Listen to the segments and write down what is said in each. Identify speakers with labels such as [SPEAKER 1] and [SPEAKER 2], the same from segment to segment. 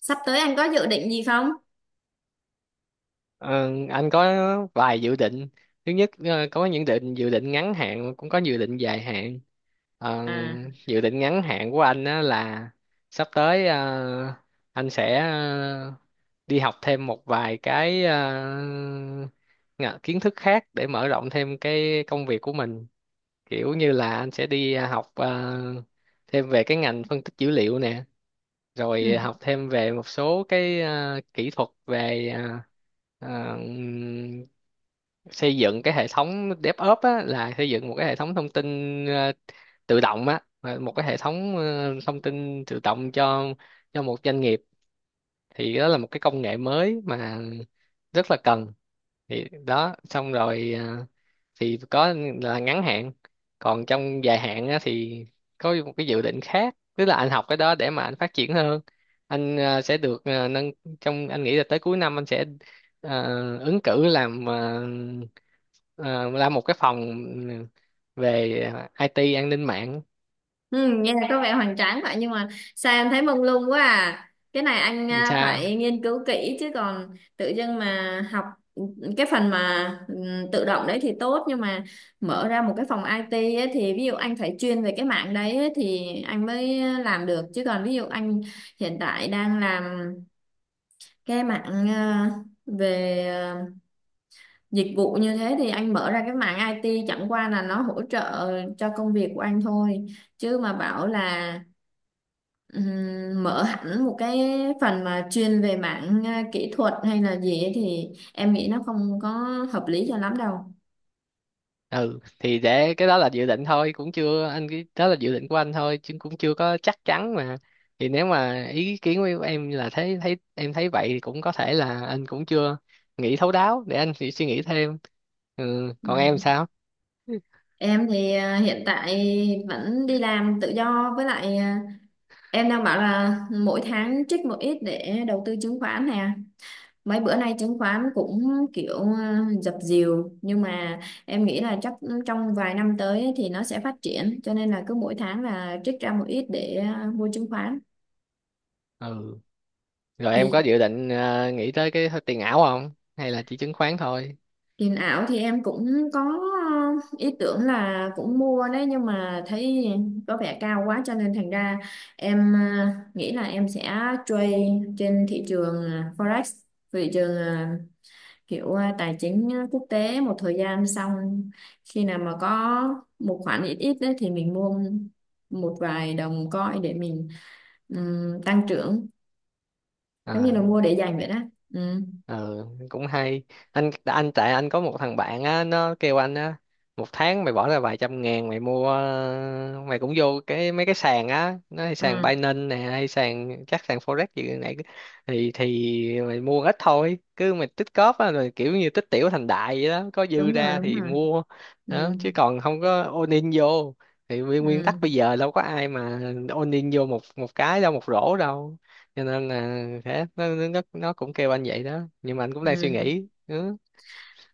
[SPEAKER 1] Sắp tới anh có dự định gì không?
[SPEAKER 2] Ờ, anh có vài dự định. Thứ nhất, có những dự định ngắn hạn, cũng có dự định dài hạn. Ờ,
[SPEAKER 1] À.
[SPEAKER 2] Dự định ngắn hạn của anh á là sắp tới, anh sẽ đi học thêm một vài cái, kiến thức khác để mở rộng thêm cái công việc của mình. Kiểu như là anh sẽ đi học thêm về cái ngành phân tích dữ liệu nè, rồi
[SPEAKER 1] Ừ.
[SPEAKER 2] học thêm về một số cái kỹ thuật về, à, xây dựng cái hệ thống DevOps á, là xây dựng một cái hệ thống thông tin ờ, tự động á, mà một cái hệ thống thông tin tự động cho một doanh nghiệp, thì đó là một cái công nghệ mới mà rất là cần. Thì đó xong rồi, thì có là ngắn hạn. Còn trong dài hạn á, thì có một cái dự định khác, tức là anh học cái đó để mà anh phát triển hơn. Anh sẽ được, à, nâng trong anh nghĩ là tới cuối năm anh sẽ à, ứng cử làm, làm một cái phòng, ừ, về IT an ninh mạng.
[SPEAKER 1] Ừ, nghe có vẻ hoành tráng vậy nhưng mà sao em thấy mông lung quá. À, cái này anh
[SPEAKER 2] Làm sao.
[SPEAKER 1] phải nghiên cứu kỹ, chứ còn tự dưng mà học cái phần mà tự động đấy thì tốt, nhưng mà mở ra một cái phòng IT ấy, thì ví dụ anh phải chuyên về cái mạng đấy ấy, thì anh mới làm được. Chứ còn ví dụ anh hiện tại đang làm cái mạng về dịch vụ như thế thì anh mở ra cái mảng IT chẳng qua là nó hỗ trợ cho công việc của anh thôi. Chứ mà bảo là mở hẳn một cái phần mà chuyên về mảng kỹ thuật hay là gì ấy thì em nghĩ nó không có hợp lý cho lắm đâu.
[SPEAKER 2] Ừ thì để cái đó là dự định thôi, cũng chưa. Anh, cái đó là dự định của anh thôi chứ cũng chưa có chắc chắn mà. Thì nếu mà ý kiến của em là thấy, em thấy vậy, thì cũng có thể là anh cũng chưa nghĩ thấu đáo, để anh suy suy nghĩ thêm. Ừ, còn em
[SPEAKER 1] Ừ.
[SPEAKER 2] sao?
[SPEAKER 1] Em thì hiện tại vẫn đi làm tự do, với lại em đang bảo là mỗi tháng trích một ít để đầu tư chứng khoán nè. Mấy bữa nay chứng khoán cũng kiểu dập dìu, nhưng mà em nghĩ là chắc trong vài năm tới ấy thì nó sẽ phát triển, cho nên là cứ mỗi tháng là trích ra một ít để mua chứng khoán.
[SPEAKER 2] Ừ, rồi em
[SPEAKER 1] Thì
[SPEAKER 2] có dự định nghĩ tới cái tiền ảo không, hay là chỉ chứng khoán thôi?
[SPEAKER 1] tiền ảo thì em cũng có ý tưởng là cũng mua đấy, nhưng mà thấy có vẻ cao quá, cho nên thành ra em nghĩ là em sẽ trade trên thị trường Forex, thị trường kiểu tài chính quốc tế một thời gian, xong khi nào mà có một khoản ít ít đấy thì mình mua một vài đồng coin để mình tăng trưởng, giống như
[SPEAKER 2] À.
[SPEAKER 1] là mua để dành vậy đó. Ừ.
[SPEAKER 2] ờ Cũng hay. Anh tại anh có một thằng bạn á, nó kêu anh á, một tháng mày bỏ ra vài trăm ngàn, mày mua, mày cũng vô cái mấy cái sàn á, nó hay sàn
[SPEAKER 1] À,
[SPEAKER 2] Binance nè, hay sàn, chắc sàn Forex gì này. Thì mày mua ít thôi, cứ mày tích cóp á, rồi kiểu như tích tiểu thành đại vậy đó, có dư
[SPEAKER 1] đúng rồi,
[SPEAKER 2] ra
[SPEAKER 1] đúng
[SPEAKER 2] thì
[SPEAKER 1] rồi.
[SPEAKER 2] mua. Đó
[SPEAKER 1] Ừ.
[SPEAKER 2] chứ còn không có all in vô. Thì nguyên nguyên
[SPEAKER 1] Ừ.
[SPEAKER 2] tắc bây giờ đâu có ai mà all in vô một một cái đâu, một rổ đâu. Cho nên là thế, nó cũng kêu anh vậy đó, nhưng mà anh cũng đang suy
[SPEAKER 1] Ừ.
[SPEAKER 2] nghĩ. Ừ,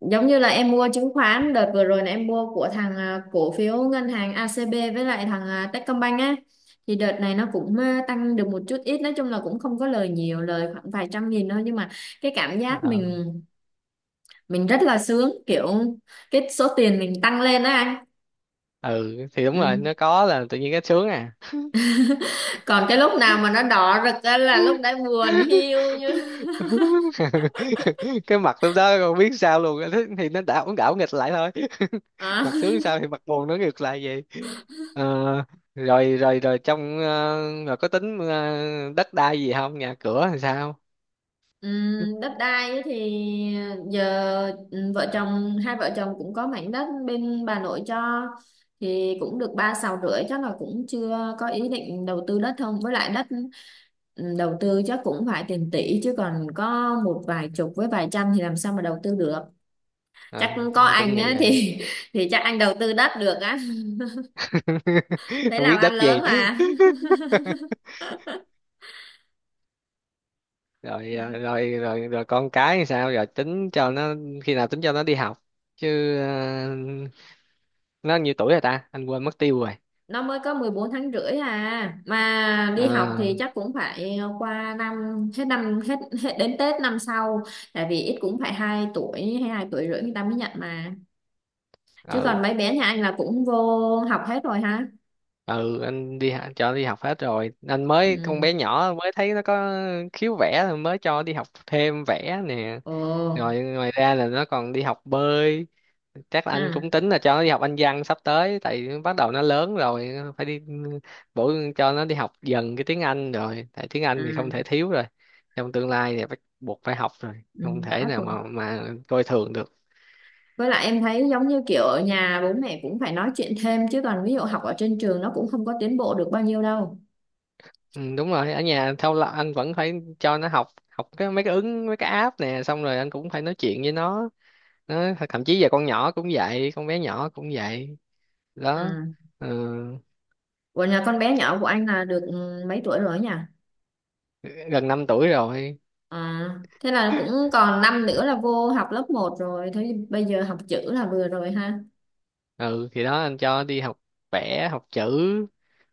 [SPEAKER 1] Giống như là em mua chứng khoán đợt vừa rồi là em mua của thằng cổ phiếu ngân hàng ACB với lại thằng Techcombank á, thì đợt này nó cũng tăng được một chút ít, nói chung là cũng không có lời nhiều, lời khoảng vài trăm nghìn thôi, nhưng mà cái cảm giác
[SPEAKER 2] Ờ.
[SPEAKER 1] mình rất là sướng, kiểu cái số tiền mình tăng lên á anh.
[SPEAKER 2] Ừ thì đúng rồi,
[SPEAKER 1] Ừ.
[SPEAKER 2] nó có là tự nhiên cái sướng à.
[SPEAKER 1] Còn cái lúc nào mà nó đỏ rực á là lúc đấy buồn hiu như...
[SPEAKER 2] Cái mặt lúc đó còn biết sao luôn. Thế thì nó đảo đảo nghịch lại thôi.
[SPEAKER 1] Ờ.
[SPEAKER 2] Mặt sướng sao thì mặt buồn nó ngược lại vậy. Ờ, rồi rồi rồi trong, rồi có tính, đất đai gì không, nhà cửa làm sao?
[SPEAKER 1] Ừ. Đất đai ấy thì giờ vợ chồng, hai vợ chồng cũng có mảnh đất bên bà nội cho, thì cũng được 3 sào rưỡi, chắc là cũng chưa có ý định đầu tư đất không, với lại đất đầu tư chắc cũng phải tiền tỷ, chứ còn có một vài chục với vài trăm thì làm sao mà đầu tư được. Chắc
[SPEAKER 2] Ờ,
[SPEAKER 1] có
[SPEAKER 2] anh cũng
[SPEAKER 1] anh
[SPEAKER 2] nghĩ
[SPEAKER 1] á
[SPEAKER 2] vậy.
[SPEAKER 1] thì chắc anh đầu tư đất được á. Thế
[SPEAKER 2] Không biết
[SPEAKER 1] làm ăn
[SPEAKER 2] đất gì.
[SPEAKER 1] lớn mà.
[SPEAKER 2] Rồi, rồi con cái thì sao, giờ tính cho nó, khi nào tính cho nó đi học chứ, nó nhiêu tuổi rồi ta, anh quên mất tiêu rồi.
[SPEAKER 1] Nó mới có 14 tháng rưỡi à, mà
[SPEAKER 2] ờ
[SPEAKER 1] đi học thì chắc cũng phải qua năm, hết năm, hết hết đến Tết năm sau. Tại vì ít cũng phải 2 tuổi hay 2 tuổi rưỡi người ta mới nhận mà. Chứ còn
[SPEAKER 2] ừ
[SPEAKER 1] mấy bé nhà anh là cũng vô học hết rồi ha.
[SPEAKER 2] ừ anh đi cho đi học hết rồi, anh mới con
[SPEAKER 1] Ừ.
[SPEAKER 2] bé nhỏ mới thấy nó có khiếu vẽ, mới cho đi học thêm vẽ nè.
[SPEAKER 1] Ồ.
[SPEAKER 2] Rồi ngoài ra là nó còn đi học bơi. Chắc là anh
[SPEAKER 1] À.
[SPEAKER 2] cũng tính là cho nó đi học Anh văn sắp tới, tại bắt đầu nó lớn rồi, phải đi bổ cho nó đi học dần cái tiếng Anh rồi, tại tiếng
[SPEAKER 1] À.
[SPEAKER 2] Anh thì không thể thiếu rồi. Trong tương lai thì bắt buộc phải học rồi,
[SPEAKER 1] Ừ.
[SPEAKER 2] không
[SPEAKER 1] Bắt
[SPEAKER 2] thể nào
[SPEAKER 1] buộc.
[SPEAKER 2] mà coi thường được.
[SPEAKER 1] Với lại em thấy giống như kiểu ở nhà bố mẹ cũng phải nói chuyện thêm, chứ còn ví dụ học ở trên trường nó cũng không có tiến bộ được bao nhiêu đâu.
[SPEAKER 2] Ừ, đúng rồi, ở nhà thâu là anh vẫn phải cho nó học học cái mấy cái ứng, mấy cái app nè, xong rồi anh cũng phải nói chuyện với nó. Thậm chí giờ con nhỏ cũng vậy, con bé nhỏ cũng vậy đó.
[SPEAKER 1] Ừ.
[SPEAKER 2] Ừ,
[SPEAKER 1] Ủa, nhà con bé nhỏ của anh là được mấy tuổi rồi ấy nhỉ?
[SPEAKER 2] gần 5 tuổi rồi.
[SPEAKER 1] À, thế là cũng còn năm nữa là vô học lớp một rồi. Thế bây giờ học chữ là vừa rồi ha.
[SPEAKER 2] Ừ thì đó, anh cho đi học vẽ, học chữ,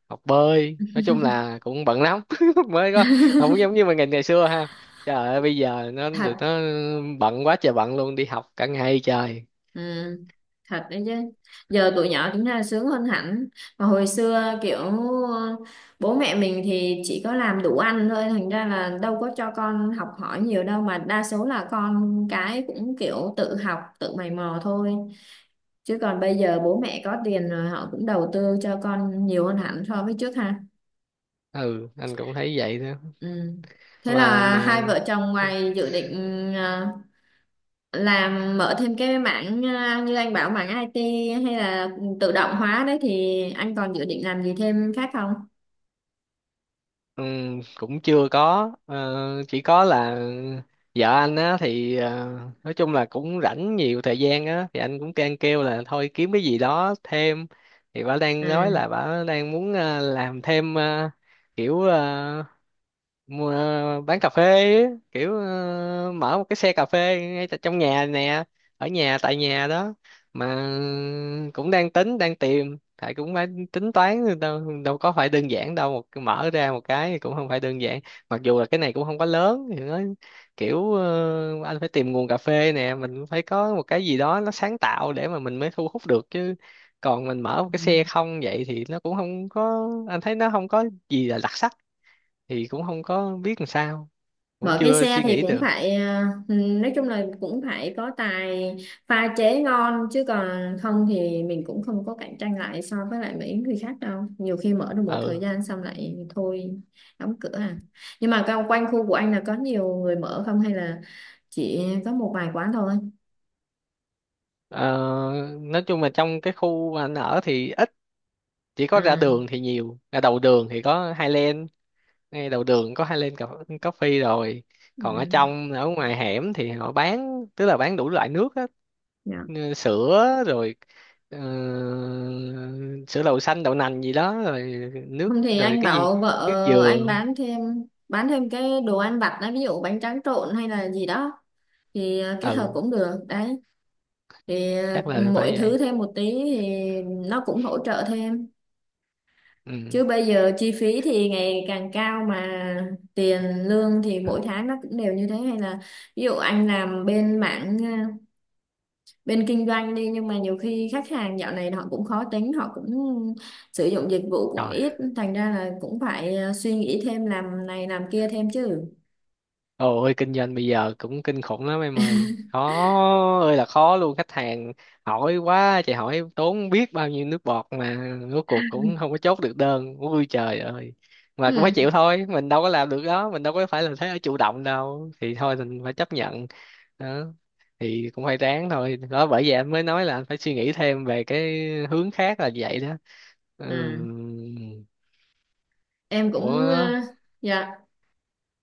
[SPEAKER 2] học bơi, nói chung là cũng bận lắm. Mới có, không giống như mình ngày ngày xưa ha. Trời ơi, bây giờ tụi
[SPEAKER 1] Thật,
[SPEAKER 2] nó bận quá trời, bận luôn, đi học cả ngày trời.
[SPEAKER 1] ừ, thật đấy chứ. Giờ tụi nhỏ chúng ta sướng hơn hẳn. Mà hồi xưa kiểu ờ, bố mẹ mình thì chỉ có làm đủ ăn thôi. Thành ra là đâu có cho con học hỏi nhiều đâu. Mà đa số là con cái cũng kiểu tự học, tự mày mò thôi. Chứ còn bây giờ bố mẹ có tiền rồi họ cũng đầu tư cho con nhiều hơn hẳn so với trước ha.
[SPEAKER 2] Ừ, anh cũng thấy vậy đó.
[SPEAKER 1] Ừ. Thế là hai
[SPEAKER 2] Mà
[SPEAKER 1] vợ chồng ngoài dự định ờ, làm mở thêm cái mảng như anh bảo mảng IT hay là tự động hóa đấy thì anh còn dự định làm gì thêm khác không?
[SPEAKER 2] Cũng chưa có. Ờ, chỉ có là vợ anh á thì, nói chung là cũng rảnh nhiều thời gian á, thì anh cũng can kêu là thôi kiếm cái gì đó thêm. Thì bà đang
[SPEAKER 1] À.
[SPEAKER 2] nói là bà đang muốn làm thêm, kiểu ờ, mua bán cà phê. Ấy, kiểu mở một cái xe cà phê ngay tại trong nhà nè, ở nhà, tại nhà đó. Mà cũng đang tính, đang tìm thầy, cũng phải tính toán, đâu đâu có phải đơn giản đâu, một mở ra một cái thì cũng không phải đơn giản. Mặc dù là cái này cũng không quá lớn, thì nó kiểu, anh phải tìm nguồn cà phê nè, mình cũng phải có một cái gì đó nó sáng tạo để mà mình mới thu hút được chứ. Còn mình mở một cái xe không vậy thì nó cũng không có, anh thấy nó không có gì là đặc sắc. Thì cũng không có biết làm sao, cũng
[SPEAKER 1] Mở cái
[SPEAKER 2] chưa
[SPEAKER 1] xe
[SPEAKER 2] suy
[SPEAKER 1] thì
[SPEAKER 2] nghĩ
[SPEAKER 1] cũng
[SPEAKER 2] được.
[SPEAKER 1] phải nói chung là cũng phải có tài pha chế ngon, chứ còn không thì mình cũng không có cạnh tranh lại so với lại mấy người khác đâu, nhiều khi mở được một thời
[SPEAKER 2] Ừ.
[SPEAKER 1] gian xong lại thôi, đóng cửa à. Nhưng mà quanh quanh khu của anh là có nhiều người mở không, hay là chỉ có một vài quán thôi?
[SPEAKER 2] ờ, nói chung là trong cái khu mà anh ở thì ít, chỉ có ra
[SPEAKER 1] À.
[SPEAKER 2] đường thì nhiều, ra đầu đường thì có Highland. Ngay đầu đường có Highland Coffee rồi.
[SPEAKER 1] Ừ.
[SPEAKER 2] Còn ở trong, ở ngoài hẻm thì họ bán, tức là bán đủ loại nước á.
[SPEAKER 1] Dạ.
[SPEAKER 2] Như sữa rồi, ờ, sữa đậu xanh, đậu nành gì đó, rồi nước,
[SPEAKER 1] Không thì
[SPEAKER 2] rồi
[SPEAKER 1] anh
[SPEAKER 2] cái gì,
[SPEAKER 1] bảo
[SPEAKER 2] nước
[SPEAKER 1] vợ anh
[SPEAKER 2] dừa.
[SPEAKER 1] bán thêm, cái đồ ăn vặt đó, ví dụ bánh tráng trộn hay là gì đó, thì kết hợp
[SPEAKER 2] Ừ,
[SPEAKER 1] cũng được đấy. Thì
[SPEAKER 2] chắc là
[SPEAKER 1] mỗi
[SPEAKER 2] phải vậy.
[SPEAKER 1] thứ thêm một tí thì nó cũng hỗ trợ thêm.
[SPEAKER 2] Ừ,
[SPEAKER 1] Chứ bây giờ chi phí thì ngày càng cao, mà tiền lương thì mỗi tháng nó cũng đều như thế, hay là ví dụ anh làm bên mảng bên kinh doanh đi, nhưng mà nhiều khi khách hàng dạo này họ cũng khó tính, họ cũng sử dụng dịch vụ cũng
[SPEAKER 2] rồi.
[SPEAKER 1] ít, thành ra là cũng phải suy nghĩ thêm làm này làm kia thêm chứ.
[SPEAKER 2] Ôi, kinh doanh bây giờ cũng kinh khủng lắm em ơi, khó ơi là khó luôn. Khách hàng hỏi quá, chị hỏi tốn biết bao nhiêu nước bọt mà rốt cuộc cũng không có chốt được đơn, ui trời ơi. Mà cũng phải
[SPEAKER 1] Ừ.
[SPEAKER 2] chịu thôi, mình đâu có làm được đó, mình đâu có phải là thế ở chủ động đâu, thì thôi mình phải chấp nhận đó. Thì cũng phải ráng thôi đó, bởi vậy anh mới nói là anh phải suy nghĩ thêm về cái hướng khác là vậy đó. Ừ.
[SPEAKER 1] Ừ. Em cũng
[SPEAKER 2] Ủa,
[SPEAKER 1] dạ.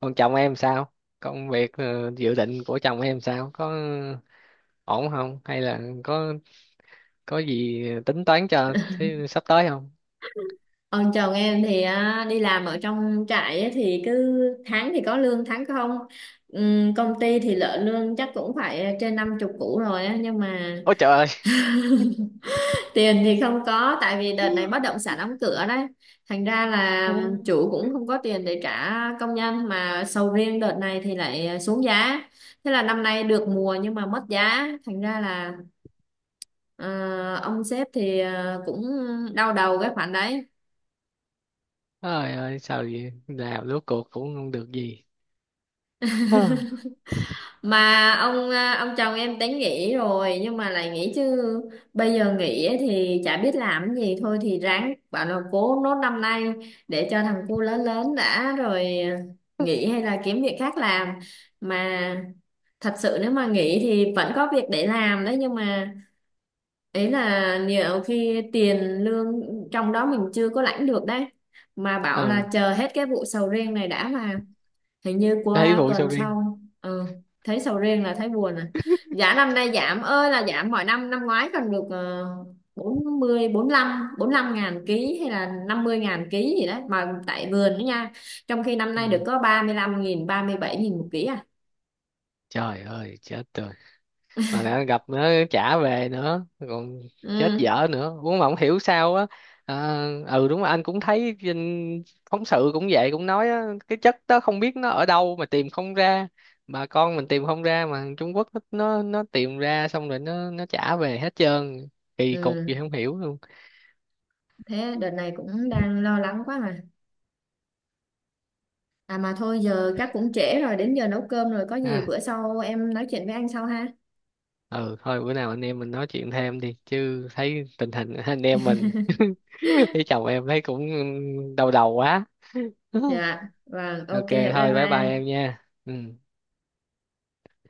[SPEAKER 2] còn chồng em sao? Công việc, dự định của chồng em sao? Có ổn không? Hay là có gì tính toán cho thế sắp tới không?
[SPEAKER 1] Ông chồng em thì á, đi làm ở trong trại ấy, thì cứ tháng thì có lương tháng không. Công ty thì lợi lương chắc cũng phải trên năm chục củ rồi á, nhưng mà
[SPEAKER 2] Ôi trời ơi!
[SPEAKER 1] tiền thì không có. Tại vì đợt này bất động sản đóng cửa đấy, thành ra là
[SPEAKER 2] Ừ.
[SPEAKER 1] chủ cũng không có tiền để trả công nhân, mà sầu riêng đợt này thì lại xuống giá. Thế là năm nay được mùa nhưng mà mất giá, thành ra là ờ, ông sếp thì cũng đau đầu cái khoản đấy.
[SPEAKER 2] Trời ơi sao vậy? Làm rốt cuộc cũng không được gì. Ừ.
[SPEAKER 1] Mà ông ông chồng em tính nghỉ rồi nhưng mà lại nghỉ chứ, bây giờ nghỉ ấy thì chả biết làm cái gì. Thôi thì ráng bảo là cố nốt năm nay để cho thằng cu lớn lớn đã rồi nghỉ hay là kiếm việc khác làm. Mà thật sự nếu mà nghỉ thì vẫn có việc để làm đấy, nhưng mà ấy là nhiều khi tiền lương trong đó mình chưa có lãnh được đấy, mà bảo là
[SPEAKER 2] Ừ,
[SPEAKER 1] chờ hết cái vụ sầu riêng này đã, mà hình như
[SPEAKER 2] thấy
[SPEAKER 1] qua
[SPEAKER 2] vụ sầu
[SPEAKER 1] tuần
[SPEAKER 2] riêng.
[SPEAKER 1] sau. Ừ. Thấy sầu riêng là thấy buồn à. Giá năm nay giảm ơi là giảm, mọi năm, năm ngoái còn được 40 45 lăm bốn lăm ngàn ký hay là 50 ngàn ký gì đấy, mà tại vườn đó nha. Trong khi năm
[SPEAKER 2] Ừ.
[SPEAKER 1] nay được có 35 nghìn 37 nghìn một ký à.
[SPEAKER 2] Trời ơi chết. Mà lại gặp nữa, trả về nữa còn chết
[SPEAKER 1] Ừ.
[SPEAKER 2] dở nữa, cũng mà không hiểu sao á. à, ừ đúng rồi, anh cũng thấy trên phóng sự cũng vậy, cũng nói á, cái chất đó không biết nó ở đâu mà tìm không ra. Bà con mình tìm không ra, mà Trung Quốc nó tìm ra, xong rồi nó trả về hết trơn. Kỳ cục
[SPEAKER 1] Ừ.
[SPEAKER 2] gì không hiểu luôn.
[SPEAKER 1] Thế đợt này cũng đang lo lắng quá. Mà à mà thôi, giờ chắc cũng trễ rồi, đến giờ nấu cơm rồi, có gì
[SPEAKER 2] à,
[SPEAKER 1] bữa sau em nói chuyện với anh sau ha.
[SPEAKER 2] ừ thôi, bữa nào anh em mình nói chuyện thêm đi chứ, thấy tình hình anh em mình với chồng em thấy cũng đau đầu quá.
[SPEAKER 1] Dạ vâng, ok,
[SPEAKER 2] Ok,
[SPEAKER 1] bye
[SPEAKER 2] thôi bye bye em
[SPEAKER 1] bye.
[SPEAKER 2] nha. Ừ.